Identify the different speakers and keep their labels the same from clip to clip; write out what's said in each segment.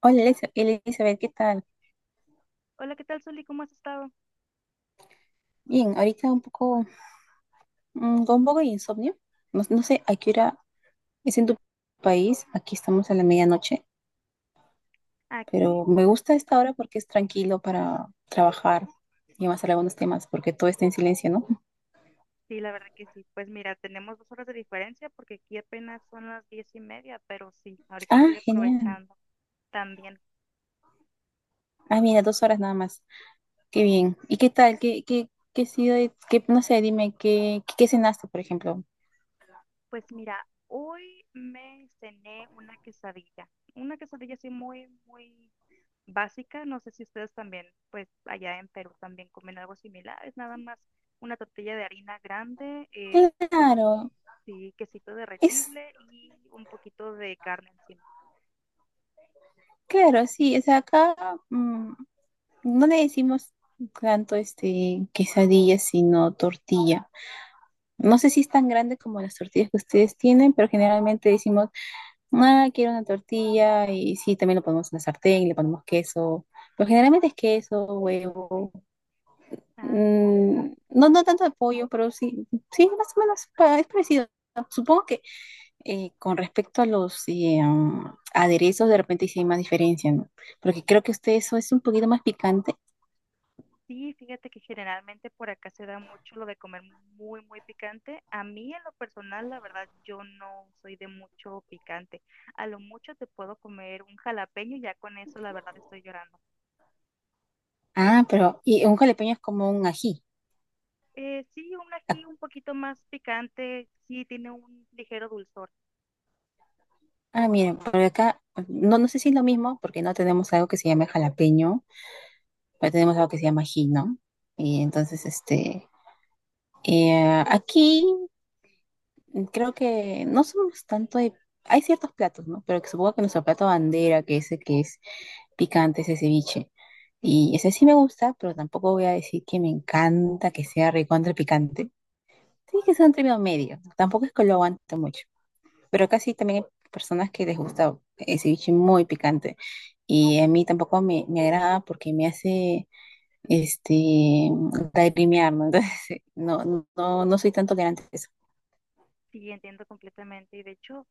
Speaker 1: Hola Elizabeth, ¿qué tal?
Speaker 2: Hola, ¿qué tal, Soli? ¿Cómo has estado?
Speaker 1: Bien, ahorita un poco, con un poco de insomnio. No sé a qué hora es en tu país. Aquí estamos a la medianoche,
Speaker 2: Aquí,
Speaker 1: pero me gusta esta hora porque es tranquilo para trabajar y avanzar algunos temas, porque todo está en silencio, ¿no?
Speaker 2: sí, la verdad que sí. Pues mira, tenemos 2 horas de diferencia porque aquí apenas son las 10 y media, pero sí, ahorita
Speaker 1: Ah,
Speaker 2: estoy
Speaker 1: genial.
Speaker 2: aprovechando también.
Speaker 1: Ah, mira, dos horas nada más. Qué bien. ¿Y qué tal? ¿Qué, qué ha sido? No sé, dime, ¿qué, qué cenaste, por ejemplo?
Speaker 2: Pues mira, hoy me cené una quesadilla así muy, muy básica. No sé si ustedes también, pues allá en Perú también comen algo similar. Es nada más una tortilla de harina grande, quesito,
Speaker 1: Claro,
Speaker 2: sí, quesito
Speaker 1: es,
Speaker 2: derretible y un poquito de carne encima.
Speaker 1: claro, sí. O sea, acá, mm, no le decimos tanto quesadilla, sino tortilla. No sé si es tan grande como las tortillas que ustedes tienen, pero generalmente decimos, ah, quiero una tortilla, y sí, también lo ponemos en la sartén, le ponemos queso, pero generalmente es queso, huevo,
Speaker 2: Ah, ok.
Speaker 1: no, no tanto de pollo, pero sí, sí, más o menos es parecido. Supongo que con respecto a los aderezos, de repente sí hay más diferencia, ¿no? Porque creo que usted eso es un poquito más picante.
Speaker 2: Sí, fíjate que generalmente por acá se da mucho lo de comer muy, muy picante. A mí en lo personal, la verdad, yo no soy de mucho picante. A lo mucho te puedo comer un jalapeño y ya con eso, la verdad, estoy llorando.
Speaker 1: Ah, pero y un jalapeño es como un ají.
Speaker 2: Sí, un
Speaker 1: Ah,
Speaker 2: ají un poquito más picante, sí, tiene un ligero dulzor.
Speaker 1: ah, miren, por acá no, no sé si es lo mismo porque no tenemos algo que se llame jalapeño, pero tenemos algo que se llama ají, ¿no? Y entonces, aquí creo que no somos tanto de... Hay ciertos platos, ¿no? Pero que supongo que nuestro plato bandera, que ese que es picante, ese ceviche. Y ese sí me gusta, pero tampoco voy a decir que me encanta que sea recontra picante. Sí, que sea un término medio, ¿no? Tampoco es que lo aguante mucho. Pero casi también hay personas que les gusta el ceviche muy picante. Y a mí tampoco me, me agrada porque me hace este lagrimear, ¿no? Entonces, no, no, no soy tan tolerante a eso.
Speaker 2: Sí, entiendo completamente. Y de hecho,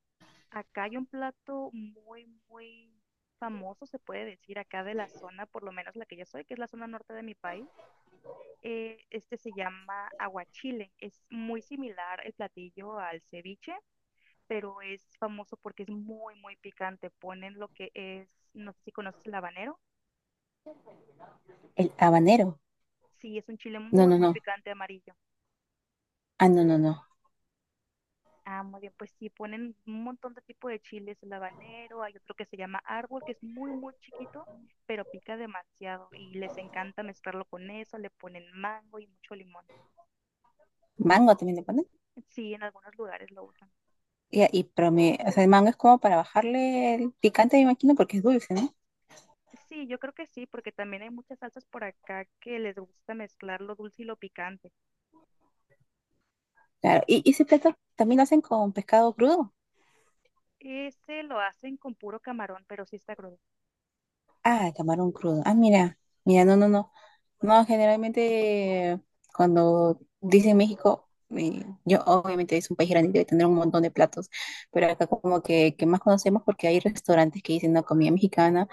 Speaker 2: acá hay un plato muy, muy famoso, se puede decir, acá de la zona, por lo menos la que yo soy, que es la zona norte de mi país. Este se llama aguachile. Es muy similar el platillo al ceviche, pero es famoso porque es muy, muy picante. Ponen lo que es, no sé si conoces el habanero.
Speaker 1: El habanero.
Speaker 2: Sí, es un chile
Speaker 1: No,
Speaker 2: muy,
Speaker 1: no,
Speaker 2: muy
Speaker 1: no.
Speaker 2: picante amarillo.
Speaker 1: Ah, no, no, no.
Speaker 2: Ah, muy bien, pues sí, ponen un montón de tipo de chiles, el habanero, hay otro que se llama árbol, que es muy, muy chiquito, pero pica demasiado y les encanta mezclarlo con eso, le ponen mango y mucho limón.
Speaker 1: Mango también le ponen.
Speaker 2: Sí, en algunos lugares lo usan.
Speaker 1: Pero me, o sea, el mango es como para bajarle el picante, me imagino, porque es dulce, ¿no?
Speaker 2: Sí, yo creo que sí, porque también hay muchas salsas por acá que les gusta mezclar lo dulce y lo picante.
Speaker 1: Claro. Y ese plato también lo hacen con pescado crudo.
Speaker 2: Ese lo hacen con puro camarón, pero sí está crudo.
Speaker 1: Ah, camarón crudo. Ah, mira, mira, no, no, no. No, generalmente cuando dicen México, yo obviamente es un país grande y debe tener un montón de platos, pero acá como que más conocemos porque hay restaurantes que dicen no comida mexicana,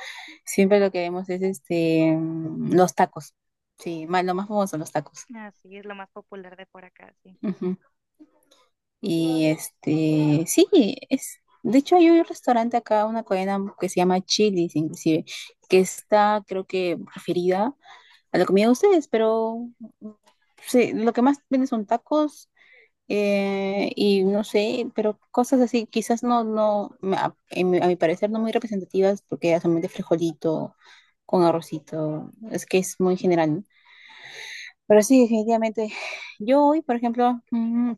Speaker 1: siempre lo que vemos es los tacos. Sí, más, lo más famoso son los tacos.
Speaker 2: Así es lo más popular de por acá, sí.
Speaker 1: Ujú. Y este, sí, es de hecho hay un restaurante acá, una cadena que se llama Chili's inclusive, que está creo que referida a la comida de ustedes, pero sí, lo que más venden son tacos y no sé, pero cosas así, quizás no, en a mi parecer no muy representativas porque era solamente frijolito con arrocito, es que es muy general, ¿no? Pero sí, definitivamente, yo hoy, por ejemplo, mm,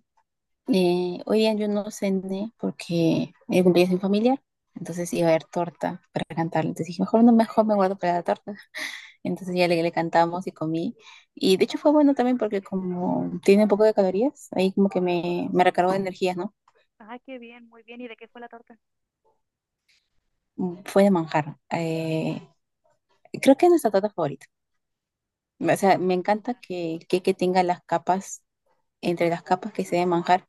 Speaker 1: eh, hoy día yo no cené porque era el cumpleaños de mi familiar, entonces iba a haber torta para cantarle, entonces dije, mejor no, mejor me guardo para la torta. Entonces ya le cantamos y comí. Y de hecho fue bueno también porque como tiene un poco de calorías, ahí como que me recargó de energías, ¿no?
Speaker 2: Ah, qué bien, muy bien. ¿Y de qué fue la torta?
Speaker 1: Fue de manjar. Creo que es nuestra torta favorita. O sea, me encanta
Speaker 2: Manjar.
Speaker 1: que el que tenga las capas, entre las capas que se de manjar.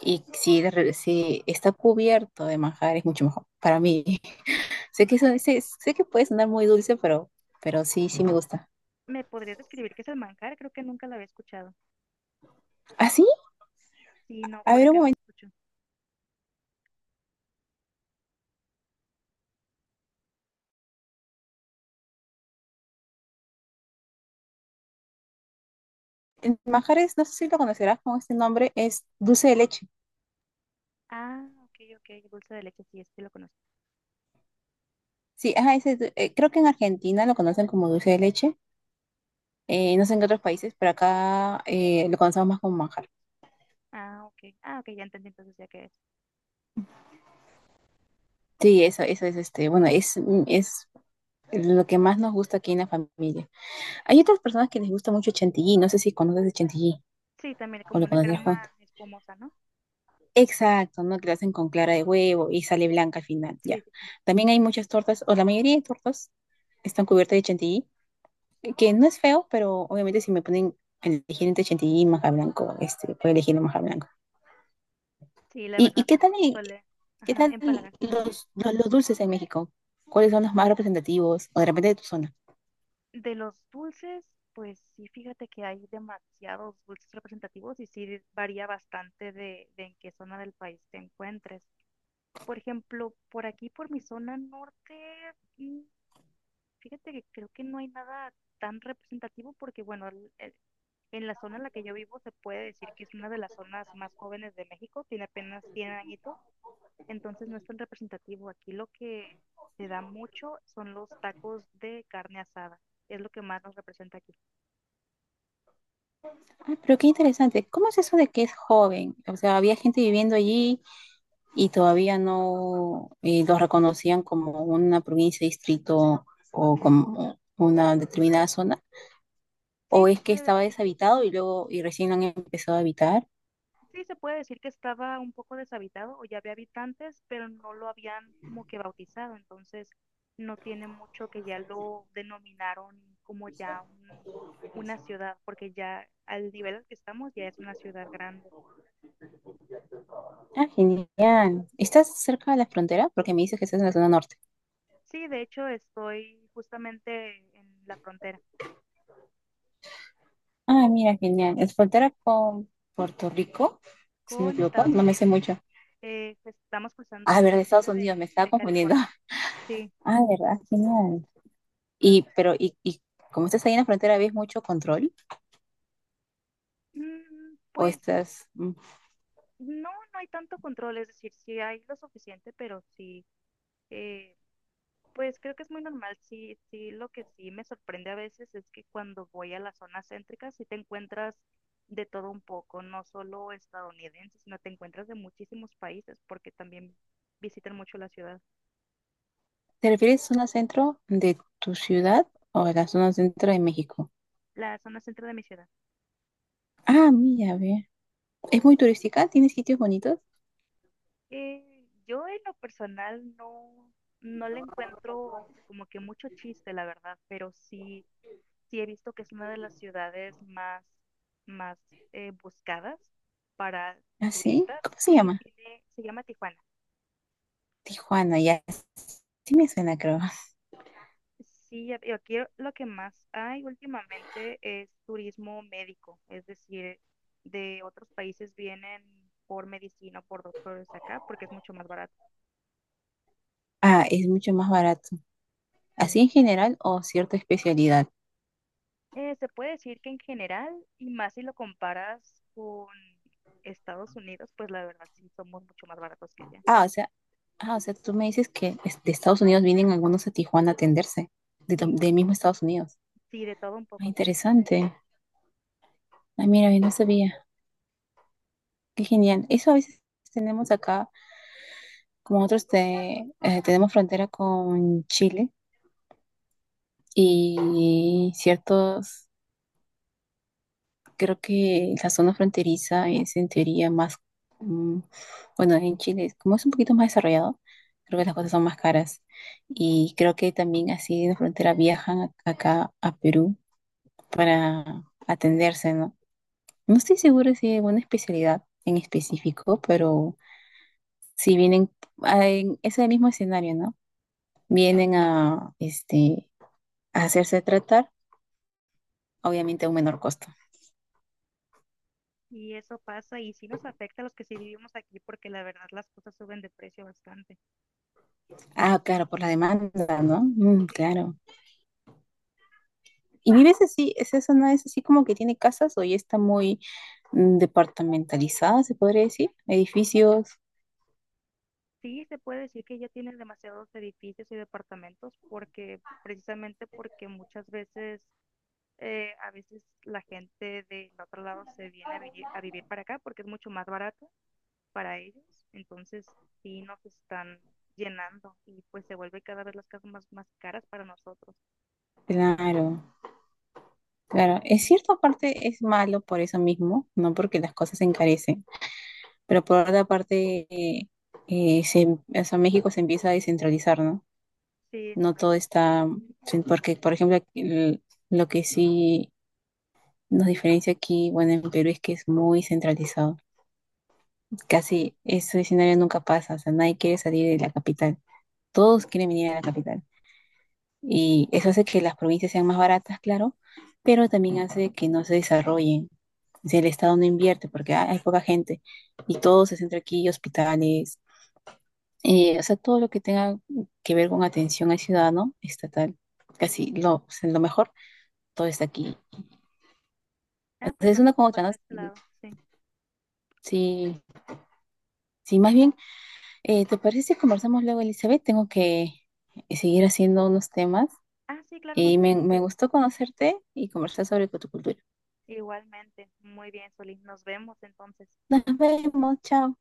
Speaker 1: Y si, si está cubierto de manjar es mucho mejor para mí. Sé que,
Speaker 2: ¿Me,
Speaker 1: eso, sé, sé que puede sonar muy dulce, pero sí, sí me gusta.
Speaker 2: me podrías describir qué es el manjar? Creo que nunca la había escuchado.
Speaker 1: Así,
Speaker 2: Sí, no, por acá no se escuchó.
Speaker 1: el manjar es, no sé si lo conocerás con este nombre, es dulce de leche.
Speaker 2: Ah, ok, ok, dulce de leche, sí, este lo conozco.
Speaker 1: Sí, ajá, creo que en Argentina lo conocen como dulce de leche. No sé en qué otros países, pero acá lo conocemos más como manjar.
Speaker 2: Ah, ok, ah, ok, ya entendí entonces ya qué es.
Speaker 1: Sí, eso es bueno, es, es lo que más nos gusta aquí en la familia. Hay otras personas que les gusta mucho el chantilly, no sé si conoces el chantilly
Speaker 2: Sí, también
Speaker 1: o
Speaker 2: como
Speaker 1: lo
Speaker 2: una
Speaker 1: conoces
Speaker 2: crema
Speaker 1: Juan.
Speaker 2: espumosa, ¿no?
Speaker 1: Exacto, ¿no? Que lo hacen con clara de huevo y sale blanca al final,
Speaker 2: Sí,
Speaker 1: ya.
Speaker 2: sí, sí.
Speaker 1: También hay muchas tortas, o la mayoría de tortas están cubiertas de chantilly, que no es feo, pero obviamente si me ponen a elegir entre chantilly y manjar blanco, puedo elegir el manjar blanco.
Speaker 2: Sí, la verdad,
Speaker 1: Y qué tal,
Speaker 2: suele,
Speaker 1: qué
Speaker 2: ajá,
Speaker 1: tal
Speaker 2: empalagar.
Speaker 1: los, los dulces en México? ¿Cuáles son los más representativos o de repente de tu zona?
Speaker 2: De los dulces, pues sí, fíjate que hay demasiados dulces representativos y sí varía bastante de en qué zona del país te encuentres. Por ejemplo, por aquí, por mi zona norte, mm, fíjate que creo que no hay nada tan representativo porque, bueno, en la zona en la que yo vivo se puede decir que es una de las zonas más jóvenes de México, tiene apenas 100 añitos, entonces no es tan representativo. Aquí lo que se da mucho son los tacos de carne asada, es lo que más nos representa aquí.
Speaker 1: Ah, pero qué interesante. ¿Cómo es eso de que es joven? O sea, había gente viviendo allí y todavía no los reconocían como una provincia, distrito o como una determinada zona.
Speaker 2: Sí
Speaker 1: ¿O
Speaker 2: se
Speaker 1: es que
Speaker 2: puede
Speaker 1: estaba
Speaker 2: decir,
Speaker 1: deshabitado y luego y recién lo han empezado a habitar?
Speaker 2: sí se puede decir que estaba un poco deshabitado o ya había habitantes, pero no lo habían como que bautizado, entonces no tiene mucho que ya lo denominaron como ya una ciudad, porque ya al nivel al que estamos ya es una ciudad grande.
Speaker 1: Ah, genial. ¿Estás cerca de la frontera? Porque me dices que estás en la zona norte.
Speaker 2: Sí, de hecho estoy justamente en la frontera
Speaker 1: Ah, mira, genial. Es frontera con Puerto Rico, si no me
Speaker 2: con
Speaker 1: equivoco,
Speaker 2: Estados
Speaker 1: no me sé
Speaker 2: Unidos.
Speaker 1: mucho.
Speaker 2: Pues, estamos cruzando
Speaker 1: Ah, verdad, Estados
Speaker 2: justamente
Speaker 1: Unidos, me estaba
Speaker 2: de
Speaker 1: confundiendo.
Speaker 2: California. Sí.
Speaker 1: Ah, verdad, genial. Y como estás ahí en la frontera, ¿ves mucho control?
Speaker 2: Mm,
Speaker 1: ¿O
Speaker 2: pues
Speaker 1: estás,
Speaker 2: no, no hay tanto control, es decir, sí hay lo suficiente, pero sí, eh, pues creo que es muy normal. Sí, sí, lo que sí me sorprende a veces es que cuando voy a las zonas céntricas sí te encuentras de todo un poco, no solo estadounidenses, sino te encuentras de muchísimos países, porque también visitan mucho la ciudad,
Speaker 1: te refieres a zona centro de tu ciudad o a la zona centro de México?
Speaker 2: la zona centro de mi ciudad.
Speaker 1: Ah, mira, ve. ¿Es muy turística? ¿Tiene sitios bonitos?
Speaker 2: Yo en lo personal no, no le encuentro como que mucho chiste, la verdad, pero sí he visto que es una de las ciudades más, más buscadas para
Speaker 1: ¿Ah, sí?
Speaker 2: turistas
Speaker 1: ¿Cómo se
Speaker 2: y
Speaker 1: llama?
Speaker 2: tiene, se llama Tijuana.
Speaker 1: Tijuana, ya. Sí me suena, creo.
Speaker 2: Sí, y aquí lo que más hay últimamente es turismo médico, es decir, de otros países vienen por medicina o por doctores acá porque es mucho más barato.
Speaker 1: Ah, es mucho más barato.
Speaker 2: Sí.
Speaker 1: ¿Así en general o cierta especialidad?
Speaker 2: Se puede decir que en general, y más si lo comparas con Estados Unidos, pues la verdad sí somos mucho más baratos que allá.
Speaker 1: Ah, o sea, ah, o sea, tú me dices que de Estados Unidos vienen algunos a Tijuana a atenderse, de,
Speaker 2: Sí,
Speaker 1: de mismo Estados Unidos.
Speaker 2: sí, de todo un
Speaker 1: Ah,
Speaker 2: poco.
Speaker 1: interesante. Ah, mira, yo no sabía. Qué genial. Eso a veces tenemos acá, como nosotros tenemos frontera con Chile y ciertos, creo que la zona fronteriza es en teoría más, mm, bueno, en Chile, como es un poquito más desarrollado, creo que las cosas son más caras. Y creo que también así de la frontera viajan acá a Perú para atenderse, ¿no? No estoy segura si hay alguna especialidad en específico, pero si vienen en ese mismo escenario, ¿no? Vienen a, a hacerse tratar, obviamente a un menor costo.
Speaker 2: Y eso pasa y sí nos afecta a los que sí vivimos aquí porque la verdad las cosas suben de precio bastante.
Speaker 1: Ah, claro, por la demanda, ¿no? Mm,
Speaker 2: Sí, sí
Speaker 1: claro. ¿Y vives así? ¿Esa zona es así como que tiene casas o ya está muy departamentalizada, se podría decir? Edificios,
Speaker 2: sí se puede decir que ya tienen demasiados edificios y departamentos porque precisamente porque muchas veces a veces la gente del otro lado se viene a vivir para acá porque es mucho más barato para ellos. Entonces sí nos están llenando y pues se vuelve cada vez las casas más, más caras para nosotros.
Speaker 1: claro. Claro, en cierta parte es malo por eso mismo, ¿no? Porque las cosas se encarecen. Pero por otra parte, o sea, México se empieza a descentralizar, ¿no?
Speaker 2: Sí, es
Speaker 1: No todo
Speaker 2: correcto.
Speaker 1: está, sí, porque por ejemplo, aquí lo que sí nos diferencia aquí, bueno, en Perú es que es muy centralizado.
Speaker 2: Sí.
Speaker 1: Casi ese escenario nunca pasa, o sea, nadie quiere salir de la capital. Todos quieren venir a la capital. Y eso hace que las provincias sean más baratas, claro, pero también hace que no se desarrollen. O sea, el Estado no invierte porque hay poca gente y todo se centra aquí, hospitales. O sea, todo lo que tenga que ver con atención al ciudadano estatal, casi lo, o sea, lo mejor, todo está aquí.
Speaker 2: Ah, pues
Speaker 1: Entonces, es
Speaker 2: lo
Speaker 1: una
Speaker 2: mismo
Speaker 1: con otra,
Speaker 2: pasa de este
Speaker 1: ¿no?
Speaker 2: lado. Sí.
Speaker 1: Sí, sí, más bien, ¿te parece si conversamos luego, Elizabeth? Tengo que seguir haciendo unos temas
Speaker 2: Ah, sí, claro, no
Speaker 1: y
Speaker 2: te
Speaker 1: me
Speaker 2: preocupes.
Speaker 1: gustó conocerte y conversar sobre tu cultura.
Speaker 2: Igualmente, muy bien, Solís. Nos vemos entonces.
Speaker 1: Nos vemos, chao.